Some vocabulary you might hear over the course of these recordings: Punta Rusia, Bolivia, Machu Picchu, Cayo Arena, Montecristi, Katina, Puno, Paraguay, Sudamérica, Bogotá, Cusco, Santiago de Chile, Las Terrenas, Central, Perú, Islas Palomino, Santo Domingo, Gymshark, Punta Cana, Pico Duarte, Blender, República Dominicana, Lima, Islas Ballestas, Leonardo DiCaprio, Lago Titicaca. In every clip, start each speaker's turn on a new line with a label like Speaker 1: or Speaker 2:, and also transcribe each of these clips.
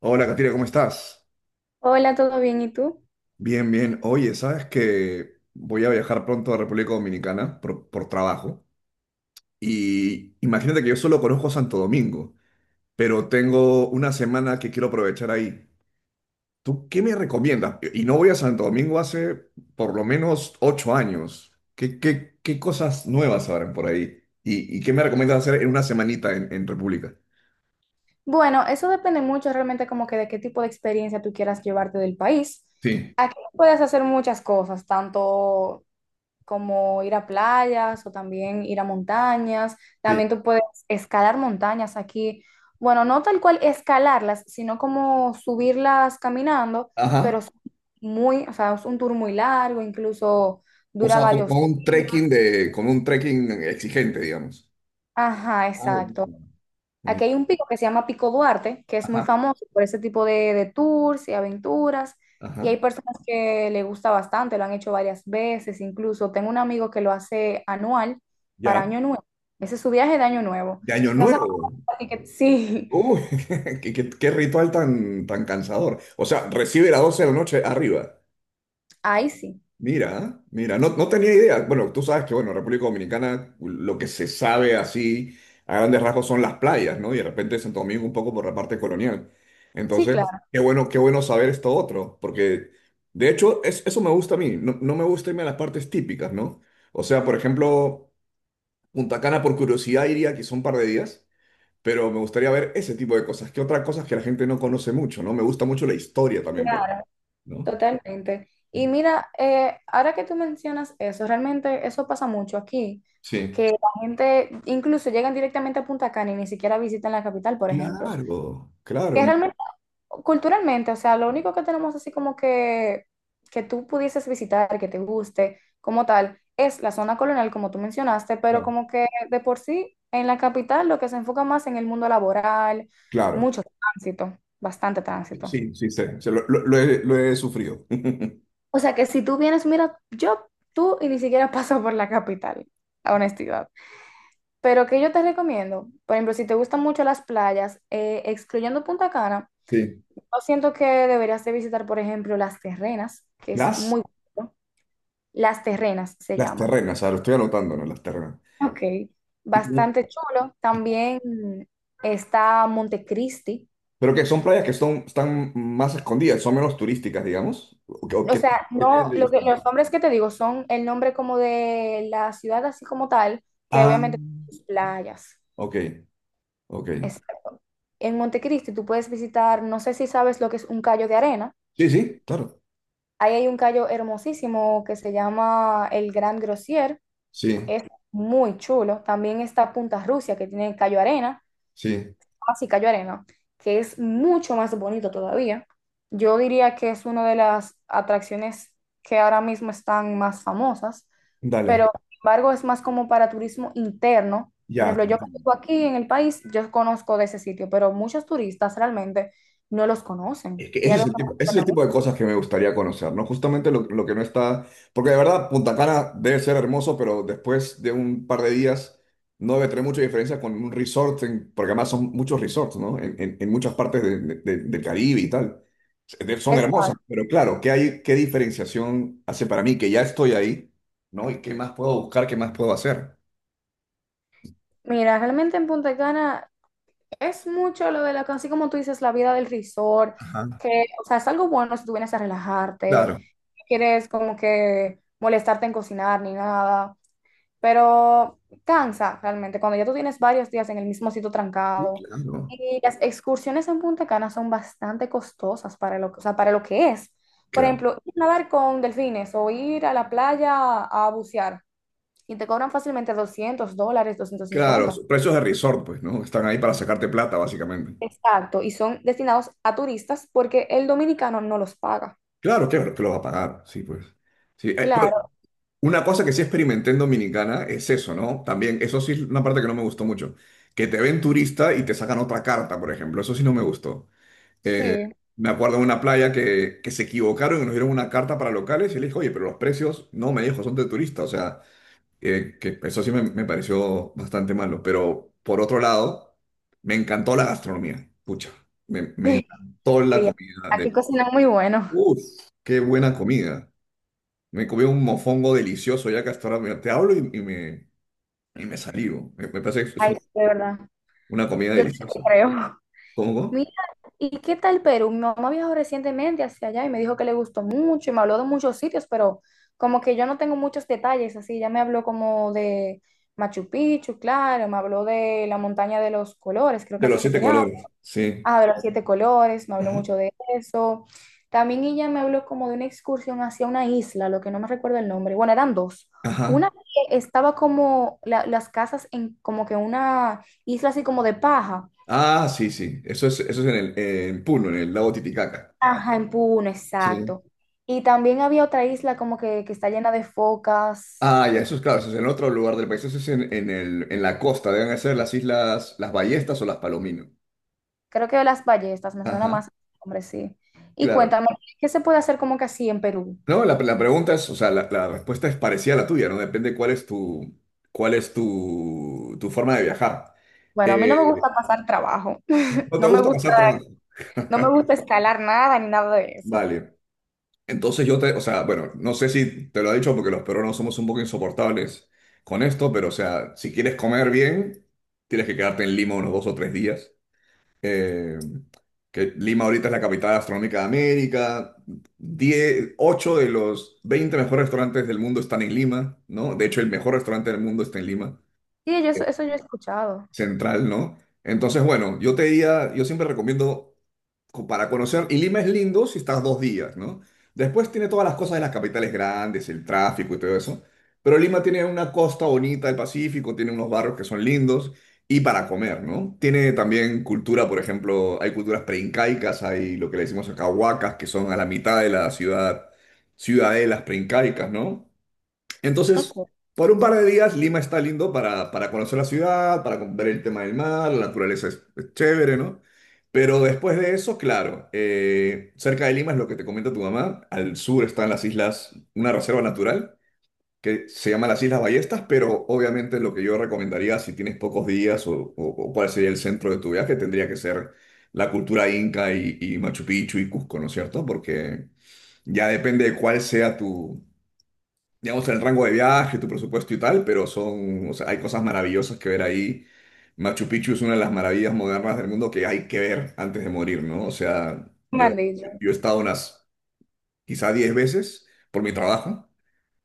Speaker 1: Hola, Katina, ¿cómo estás?
Speaker 2: Hola, ¿todo bien? ¿Y tú?
Speaker 1: Bien, bien. Oye, ¿sabes que voy a viajar pronto a República Dominicana por trabajo? Y imagínate que yo solo conozco Santo Domingo, pero tengo una semana que quiero aprovechar ahí. ¿Tú qué me recomiendas? Y no voy a Santo Domingo hace por lo menos 8 años. ¿Qué cosas nuevas habrán por ahí? ¿Y qué me recomiendas hacer en una semanita en República?
Speaker 2: Bueno, eso depende mucho realmente como que de qué tipo de experiencia tú quieras llevarte del país.
Speaker 1: Sí,
Speaker 2: Aquí puedes hacer muchas cosas, tanto como ir a playas o también ir a montañas.
Speaker 1: sí.
Speaker 2: También tú puedes escalar montañas aquí. Bueno, no tal cual escalarlas, sino como subirlas caminando, pero
Speaker 1: Ajá.
Speaker 2: son muy, o sea, es un tour muy largo, incluso
Speaker 1: O
Speaker 2: dura
Speaker 1: sea,
Speaker 2: varios días.
Speaker 1: con un trekking exigente, digamos.
Speaker 2: Ajá,
Speaker 1: Ah,
Speaker 2: exacto.
Speaker 1: buenísimo.
Speaker 2: Aquí
Speaker 1: Bonito.
Speaker 2: hay un pico que se llama Pico Duarte, que es muy
Speaker 1: Ajá,
Speaker 2: famoso por ese tipo de tours y aventuras. Y hay
Speaker 1: ajá.
Speaker 2: personas que le gusta bastante, lo han hecho varias veces, incluso tengo un amigo que lo hace anual para
Speaker 1: Ya,
Speaker 2: Año Nuevo. Ese es su viaje de Año Nuevo.
Speaker 1: de Año
Speaker 2: No sabemos
Speaker 1: Nuevo.
Speaker 2: ni que sí,
Speaker 1: Uy, qué ritual tan cansador. O sea, recibe las 12 de la noche arriba.
Speaker 2: ahí sí,
Speaker 1: Mira, mira, no, no tenía idea. Bueno, tú sabes que, bueno, República Dominicana, lo que se sabe así a grandes rasgos son las playas, ¿no? Y de repente Santo Domingo un poco por la parte colonial.
Speaker 2: sí, claro,
Speaker 1: Entonces, qué bueno saber esto otro, porque de hecho eso me gusta a mí. No, no me gusta irme a las partes típicas, ¿no? O sea, por ejemplo, Punta Cana por curiosidad iría, que son un par de días, pero me gustaría ver ese tipo de cosas. ¿Qué otras cosas que la gente no conoce mucho, no? Me gusta mucho la historia también, por ejemplo, ¿no?
Speaker 2: totalmente. Y mira, ahora que tú mencionas eso, realmente eso pasa mucho aquí,
Speaker 1: Sí.
Speaker 2: que la gente incluso llegan directamente a Punta Cana y ni siquiera visitan la capital, por ejemplo
Speaker 1: Claro, claro,
Speaker 2: que
Speaker 1: me-
Speaker 2: realmente culturalmente, o sea, lo único que tenemos así como que tú pudieses visitar, que te guste, como tal, es la zona colonial, como tú mencionaste, pero
Speaker 1: claro,
Speaker 2: como que de por sí en la capital lo que se enfoca más en el mundo laboral,
Speaker 1: claro.
Speaker 2: mucho tránsito, bastante tránsito.
Speaker 1: Sí, sí, sé, sé, lo he sufrido.
Speaker 2: O sea que si tú vienes, mira, yo, tú y ni siquiera paso por la capital, la honestidad. Pero que yo te recomiendo, por ejemplo, si te gustan mucho las playas, excluyendo Punta Cana,
Speaker 1: Sí.
Speaker 2: yo siento que deberías de visitar, por ejemplo, Las Terrenas, que es
Speaker 1: Las,
Speaker 2: muy bonito. Las Terrenas se
Speaker 1: las
Speaker 2: llama.
Speaker 1: Terrenas, ah, lo estoy anotando, ¿no? Las Terrenas.
Speaker 2: Ok.
Speaker 1: Y como-
Speaker 2: Bastante chulo. También está Montecristi.
Speaker 1: pero que son playas que están más escondidas, son menos turísticas, digamos. ¿O, qué- o
Speaker 2: O
Speaker 1: qué-
Speaker 2: sea,
Speaker 1: qué tienen
Speaker 2: no,
Speaker 1: de
Speaker 2: lo que, los
Speaker 1: distinto?
Speaker 2: nombres que te digo son el nombre como de la ciudad así como tal, que
Speaker 1: Ah,
Speaker 2: obviamente tiene sus playas.
Speaker 1: ok, ok.
Speaker 2: Exacto. En Montecristi tú puedes visitar, no sé si sabes lo que es un callo de arena.
Speaker 1: Sí, sí, claro.
Speaker 2: Ahí hay un callo hermosísimo que se llama el Gran Grosier.
Speaker 1: Sí.
Speaker 2: Es muy chulo. También está Punta Rusia, que tiene Cayo Arena,
Speaker 1: Sí,
Speaker 2: así Cayo Arena, que es mucho más bonito todavía. Yo diría que es una de las atracciones que ahora mismo están más famosas,
Speaker 1: dale,
Speaker 2: pero sin embargo es más como para turismo interno. Por
Speaker 1: ya
Speaker 2: ejemplo,
Speaker 1: te
Speaker 2: yo que
Speaker 1: entiendo.
Speaker 2: vivo aquí en el país, yo conozco de ese sitio, pero muchos turistas realmente no los conocen.
Speaker 1: Es que
Speaker 2: Ya
Speaker 1: ese es
Speaker 2: los
Speaker 1: el tipo, ese es el tipo
Speaker 2: conocen.
Speaker 1: de cosas que me gustaría conocer, ¿no? Justamente lo que no está, porque de verdad Punta Cana debe ser hermoso, pero después de un par de días no debe tener mucha diferencia con un resort, porque además son muchos resorts, ¿no? En muchas partes del Caribe y tal. Son hermosos,
Speaker 2: Exacto.
Speaker 1: pero claro, qué diferenciación hace para mí que ya estoy ahí, no? ¿Y qué más puedo buscar, qué más puedo hacer?
Speaker 2: Mira, realmente en Punta Cana es mucho lo de la, así como tú dices, la vida del resort,
Speaker 1: Ajá.
Speaker 2: que, o sea, es algo bueno si tú vienes a relajarte,
Speaker 1: Claro.
Speaker 2: no quieres como que molestarte en cocinar ni nada, pero cansa realmente cuando ya tú tienes varios días en el mismo sitio
Speaker 1: Sí,
Speaker 2: trancado.
Speaker 1: claro.
Speaker 2: Y las excursiones en Punta Cana son bastante costosas para lo, o sea, para lo que es. Por
Speaker 1: Claro.
Speaker 2: ejemplo, ir a nadar con delfines o ir a la playa a bucear y te cobran fácilmente $200, doscientos
Speaker 1: Claro,
Speaker 2: cincuenta
Speaker 1: son precios de resort, pues, ¿no? Están ahí para sacarte plata, básicamente.
Speaker 2: Exacto, y son destinados a turistas porque el dominicano no los paga.
Speaker 1: Claro, que los va a pagar, sí, pues. Sí, pero
Speaker 2: Claro,
Speaker 1: una cosa que sí experimenté en Dominicana es eso, ¿no? También, eso sí es una parte que no me gustó mucho. Que te ven turista y te sacan otra carta, por ejemplo. Eso sí no me gustó. Eh,
Speaker 2: sí.
Speaker 1: me acuerdo de una playa que se equivocaron y nos dieron una carta para locales y le dije, oye, pero los precios, no, me dijo, son de turista. O sea, que eso sí me pareció bastante malo, pero por otro lado, me encantó la gastronomía, pucha, me encantó la
Speaker 2: Sí,
Speaker 1: comida
Speaker 2: aquí cocinan muy bueno.
Speaker 1: uff, qué buena comida, me comí un mofongo delicioso, ya que hasta ahora te hablo y me salivo, me parece que es
Speaker 2: Ay, sí, de verdad.
Speaker 1: una comida
Speaker 2: Yo no te
Speaker 1: deliciosa.
Speaker 2: creo.
Speaker 1: ¿Cómo? ¿Cómo?
Speaker 2: Mira, ¿y qué tal Perú? Mi mamá viajó recientemente hacia allá y me dijo que le gustó mucho y me habló de muchos sitios, pero como que yo no tengo muchos detalles, así ya me habló como de Machu Picchu, claro, me habló de la montaña de los colores, creo que
Speaker 1: De los
Speaker 2: así que
Speaker 1: siete
Speaker 2: se llama.
Speaker 1: colores, sí.
Speaker 2: Ah, de los siete colores, me habló
Speaker 1: Ajá.
Speaker 2: mucho de eso. También ella me habló como de una excursión hacia una isla, lo que no me recuerdo el nombre. Bueno, eran dos.
Speaker 1: Ajá.
Speaker 2: Una que estaba como la- las casas en como que una isla así como de paja.
Speaker 1: Ah, sí, sí, eso es en Puno, en el lago Titicaca.
Speaker 2: Ajá, en Puno,
Speaker 1: Sí.
Speaker 2: exacto. Y también había otra isla como que está llena de focas,
Speaker 1: Ah, ya,
Speaker 2: que
Speaker 1: eso es claro, eso es en otro lugar del país, eso es en la costa, deben ser las islas, las Ballestas o las Palomino.
Speaker 2: creo que de las ballestas, me suena
Speaker 1: Ajá,
Speaker 2: más, hombre, sí. Y
Speaker 1: claro.
Speaker 2: cuéntame, ¿qué se puede hacer como que así en Perú?
Speaker 1: No, la pregunta es, o sea, la respuesta es parecida a la tuya, ¿no? Depende cuál es tu forma de viajar.
Speaker 2: Bueno, a mí no me
Speaker 1: Eh,
Speaker 2: gusta pasar trabajo,
Speaker 1: ¿no te
Speaker 2: no me
Speaker 1: gusta
Speaker 2: gusta.
Speaker 1: pasar trabajo?
Speaker 2: No me gusta escalar nada ni nada de eso.
Speaker 1: Vale. Entonces o sea, bueno, no sé si te lo he dicho porque los peruanos somos un poco insoportables con esto, pero o sea, si quieres comer bien, tienes que quedarte en Lima unos 2 o 3 días. eh, que Lima ahorita es la capital gastronómica de América. 10, 8 de los 20 mejores restaurantes del mundo están en Lima, ¿no? De hecho, el mejor restaurante del mundo está en Lima
Speaker 2: Sí, yo, eso yo he escuchado.
Speaker 1: Central, ¿no? Entonces, bueno, yo te diría, yo siempre recomiendo para conocer, y Lima es lindo si estás 2 días, ¿no? Después tiene todas las cosas de las capitales grandes, el tráfico y todo eso, pero Lima tiene una costa bonita del Pacífico, tiene unos barrios que son lindos y para comer, ¿no? Tiene también cultura, por ejemplo, hay culturas preincaicas, hay lo que le decimos acá huacas, que son a la mitad de la ciudad, ciudadelas preincaicas, ¿no? Entonces,
Speaker 2: Ok,
Speaker 1: por un par de días, Lima está lindo para conocer la ciudad, para ver el tema del mar, la naturaleza es chévere, ¿no? Pero después de eso, claro, cerca de Lima es lo que te comenta tu mamá, al sur están las islas, una reserva natural que se llama las Islas Ballestas, pero obviamente lo que yo recomendaría si tienes pocos días o cuál sería el centro de tu viaje tendría que ser la cultura inca y Machu Picchu y Cusco, ¿no es cierto? Porque ya depende de cuál sea tu digamos, en el rango de viaje, tu presupuesto y tal, pero o sea, hay cosas maravillosas que ver ahí. Machu Picchu es una de las maravillas modernas del mundo que hay que ver antes de morir, ¿no? O sea,
Speaker 2: me
Speaker 1: yo,
Speaker 2: han dicho.
Speaker 1: yo he estado unas quizá 10 veces por mi trabajo,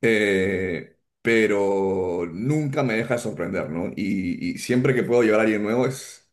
Speaker 1: pero nunca me deja de sorprender, ¿no? Y siempre que puedo llevar a alguien nuevo es,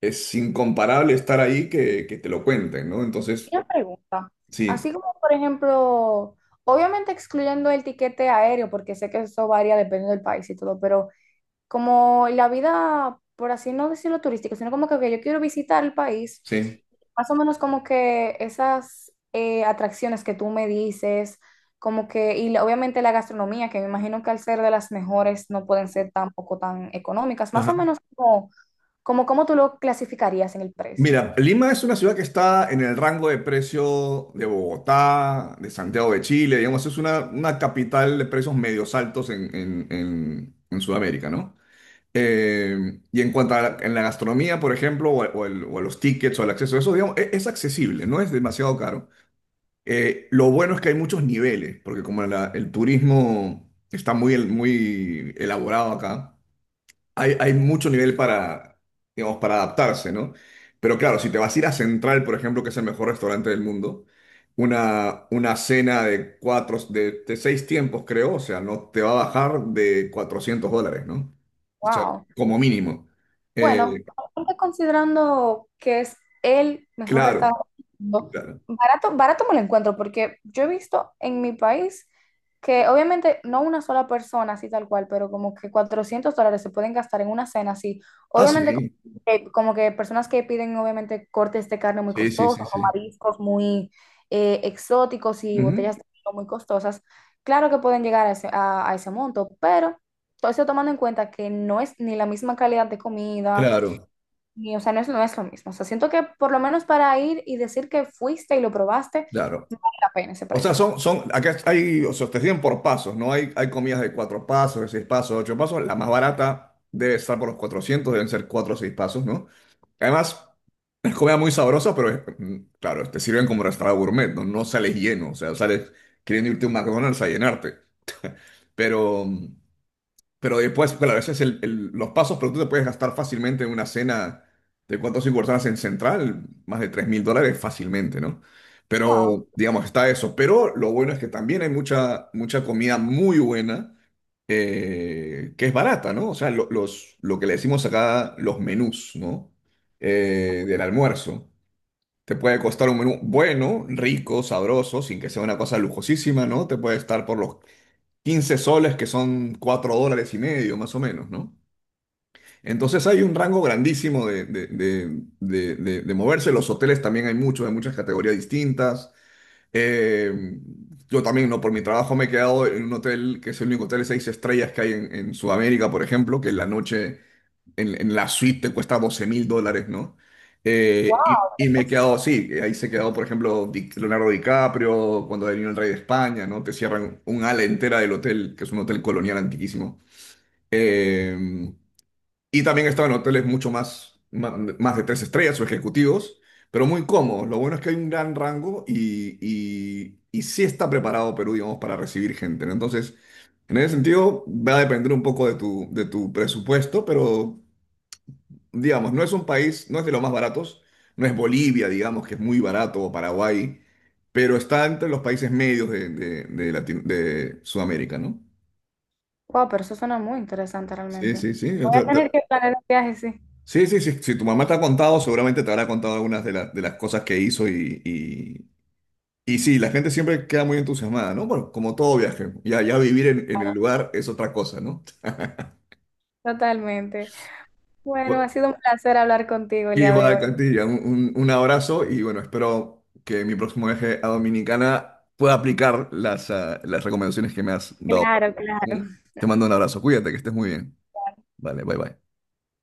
Speaker 1: es incomparable estar ahí que te lo cuenten, ¿no?
Speaker 2: Y
Speaker 1: Entonces,
Speaker 2: una pregunta.
Speaker 1: sí,
Speaker 2: Así como, por ejemplo, obviamente excluyendo el tiquete aéreo, porque sé que eso varía dependiendo del país y todo, pero como la vida, por así no decirlo turística, sino como que ok, yo quiero visitar el país,
Speaker 1: sí.
Speaker 2: más o menos como que esas atracciones que tú me dices, como que, y la- obviamente la gastronomía, que me imagino que al ser de las mejores no pueden ser tampoco tan económicas, más o menos como, como, ¿cómo tú lo clasificarías en el precio?
Speaker 1: Mira, Lima es una ciudad que está en el rango de precio de Bogotá, de Santiago de Chile, digamos, es una capital de precios medios altos en Sudamérica, ¿no? Y en cuanto en la gastronomía, por ejemplo, o a los tickets o al acceso a eso, digamos, es accesible, no es demasiado caro. Lo bueno es que hay muchos niveles, porque como el turismo está muy elaborado acá, hay mucho nivel digamos, para adaptarse, ¿no? Pero claro, si te vas a ir a Central, por ejemplo, que es el mejor restaurante del mundo, una cena de seis tiempos, creo, o sea, no te va a bajar de $400, ¿no? O sea,
Speaker 2: Wow.
Speaker 1: como mínimo.
Speaker 2: Bueno,
Speaker 1: Eh,
Speaker 2: aparte considerando que es el mejor
Speaker 1: claro,
Speaker 2: restaurante del mundo,
Speaker 1: claro.
Speaker 2: barato, barato me lo encuentro, porque yo he visto en mi país que obviamente no una sola persona así tal cual, pero como que $400 se pueden gastar en una cena así.
Speaker 1: Ah,
Speaker 2: Obviamente
Speaker 1: sí,
Speaker 2: como que personas que piden obviamente cortes de carne muy
Speaker 1: sí, sí, sí,
Speaker 2: costosos o
Speaker 1: sí.
Speaker 2: mariscos muy exóticos y
Speaker 1: Ujú,
Speaker 2: botellas de vino muy costosas, claro que pueden llegar a ese, a ese monto, pero todo eso tomando en cuenta que no es ni la misma calidad de comida,
Speaker 1: claro,
Speaker 2: ni, o sea, no es, no es lo mismo. O sea, siento que por lo menos para ir y decir que fuiste y lo probaste,
Speaker 1: claro.
Speaker 2: no vale la pena ese
Speaker 1: O sea,
Speaker 2: precio.
Speaker 1: acá hay, o sea, te siguen por pasos, ¿no? Hay comidas de cuatro pasos, de seis pasos, de ocho pasos. La más barata debe estar por los 400. Deben ser cuatro o seis pasos, ¿no? Además, es comida muy sabrosa, pero claro, te sirven como restaurante gourmet, ¿no? No sales lleno, o sea, sales queriendo irte a un McDonald's a llenarte. Pero, mm, pero después, claro, a veces los pasos, pero tú te puedes gastar fácilmente en una cena de cuatro o cinco personas en Central, más de $3.000 fácilmente, ¿no? Pero,
Speaker 2: Wow,
Speaker 1: digamos, está eso. Pero lo bueno es que también hay mucha, mucha comida muy buena, que es barata, ¿no? O sea, lo que le decimos acá, los menús, ¿no? Del almuerzo. Te puede costar un menú bueno, rico, sabroso, sin que sea una cosa lujosísima, ¿no? Te puede estar por los 15 soles, que son $4,50, más o menos, ¿no? Entonces hay un rango grandísimo de moverse. Los hoteles también hay muchos, de muchas categorías distintas. Eh, yo también, ¿no? Por mi trabajo me he quedado en un hotel que es el único hotel de 6 estrellas que hay en Sudamérica, por ejemplo, que la noche en la suite te cuesta $12.000, ¿no? Eh, y,
Speaker 2: wow, qué
Speaker 1: y me he quedado
Speaker 2: costoso.
Speaker 1: así, ahí se quedó, por ejemplo, Leonardo DiCaprio, cuando vino el rey de España, ¿no? Te cierran un ala entera del hotel, que es un hotel colonial antiquísimo. Eh, y también estaba en hoteles mucho más, de 3 estrellas o ejecutivos, pero muy cómodos. Lo bueno es que hay un gran rango y sí está preparado Perú, digamos, para recibir gente, ¿no? Entonces, en ese sentido, va a depender un poco de tu presupuesto, pero digamos, no es un país, no es de los más baratos, no es Bolivia, digamos, que es muy barato, o Paraguay, pero está entre los países medios de Sudamérica, ¿no?
Speaker 2: Wow, pero eso suena muy interesante
Speaker 1: Sí,
Speaker 2: realmente.
Speaker 1: sí, sí. O
Speaker 2: Voy a
Speaker 1: sea,
Speaker 2: tener que planear un viaje, sí,
Speaker 1: sí, sí, sí. Si tu mamá te ha contado, seguramente te habrá contado algunas las de las cosas que hizo y sí, la gente siempre queda muy entusiasmada, ¿no? Bueno, como todo viaje, ya vivir en el lugar es otra cosa, ¿no?
Speaker 2: totalmente. Bueno, ha sido un placer hablar contigo el día de
Speaker 1: Igual,
Speaker 2: hoy.
Speaker 1: Cantilla, un abrazo y bueno, espero que mi próximo viaje a Dominicana pueda aplicar las recomendaciones que me has dado.
Speaker 2: Claro,
Speaker 1: ¿Mm?
Speaker 2: claro.
Speaker 1: Te mando un abrazo, cuídate, que estés muy bien. Vale, bye bye.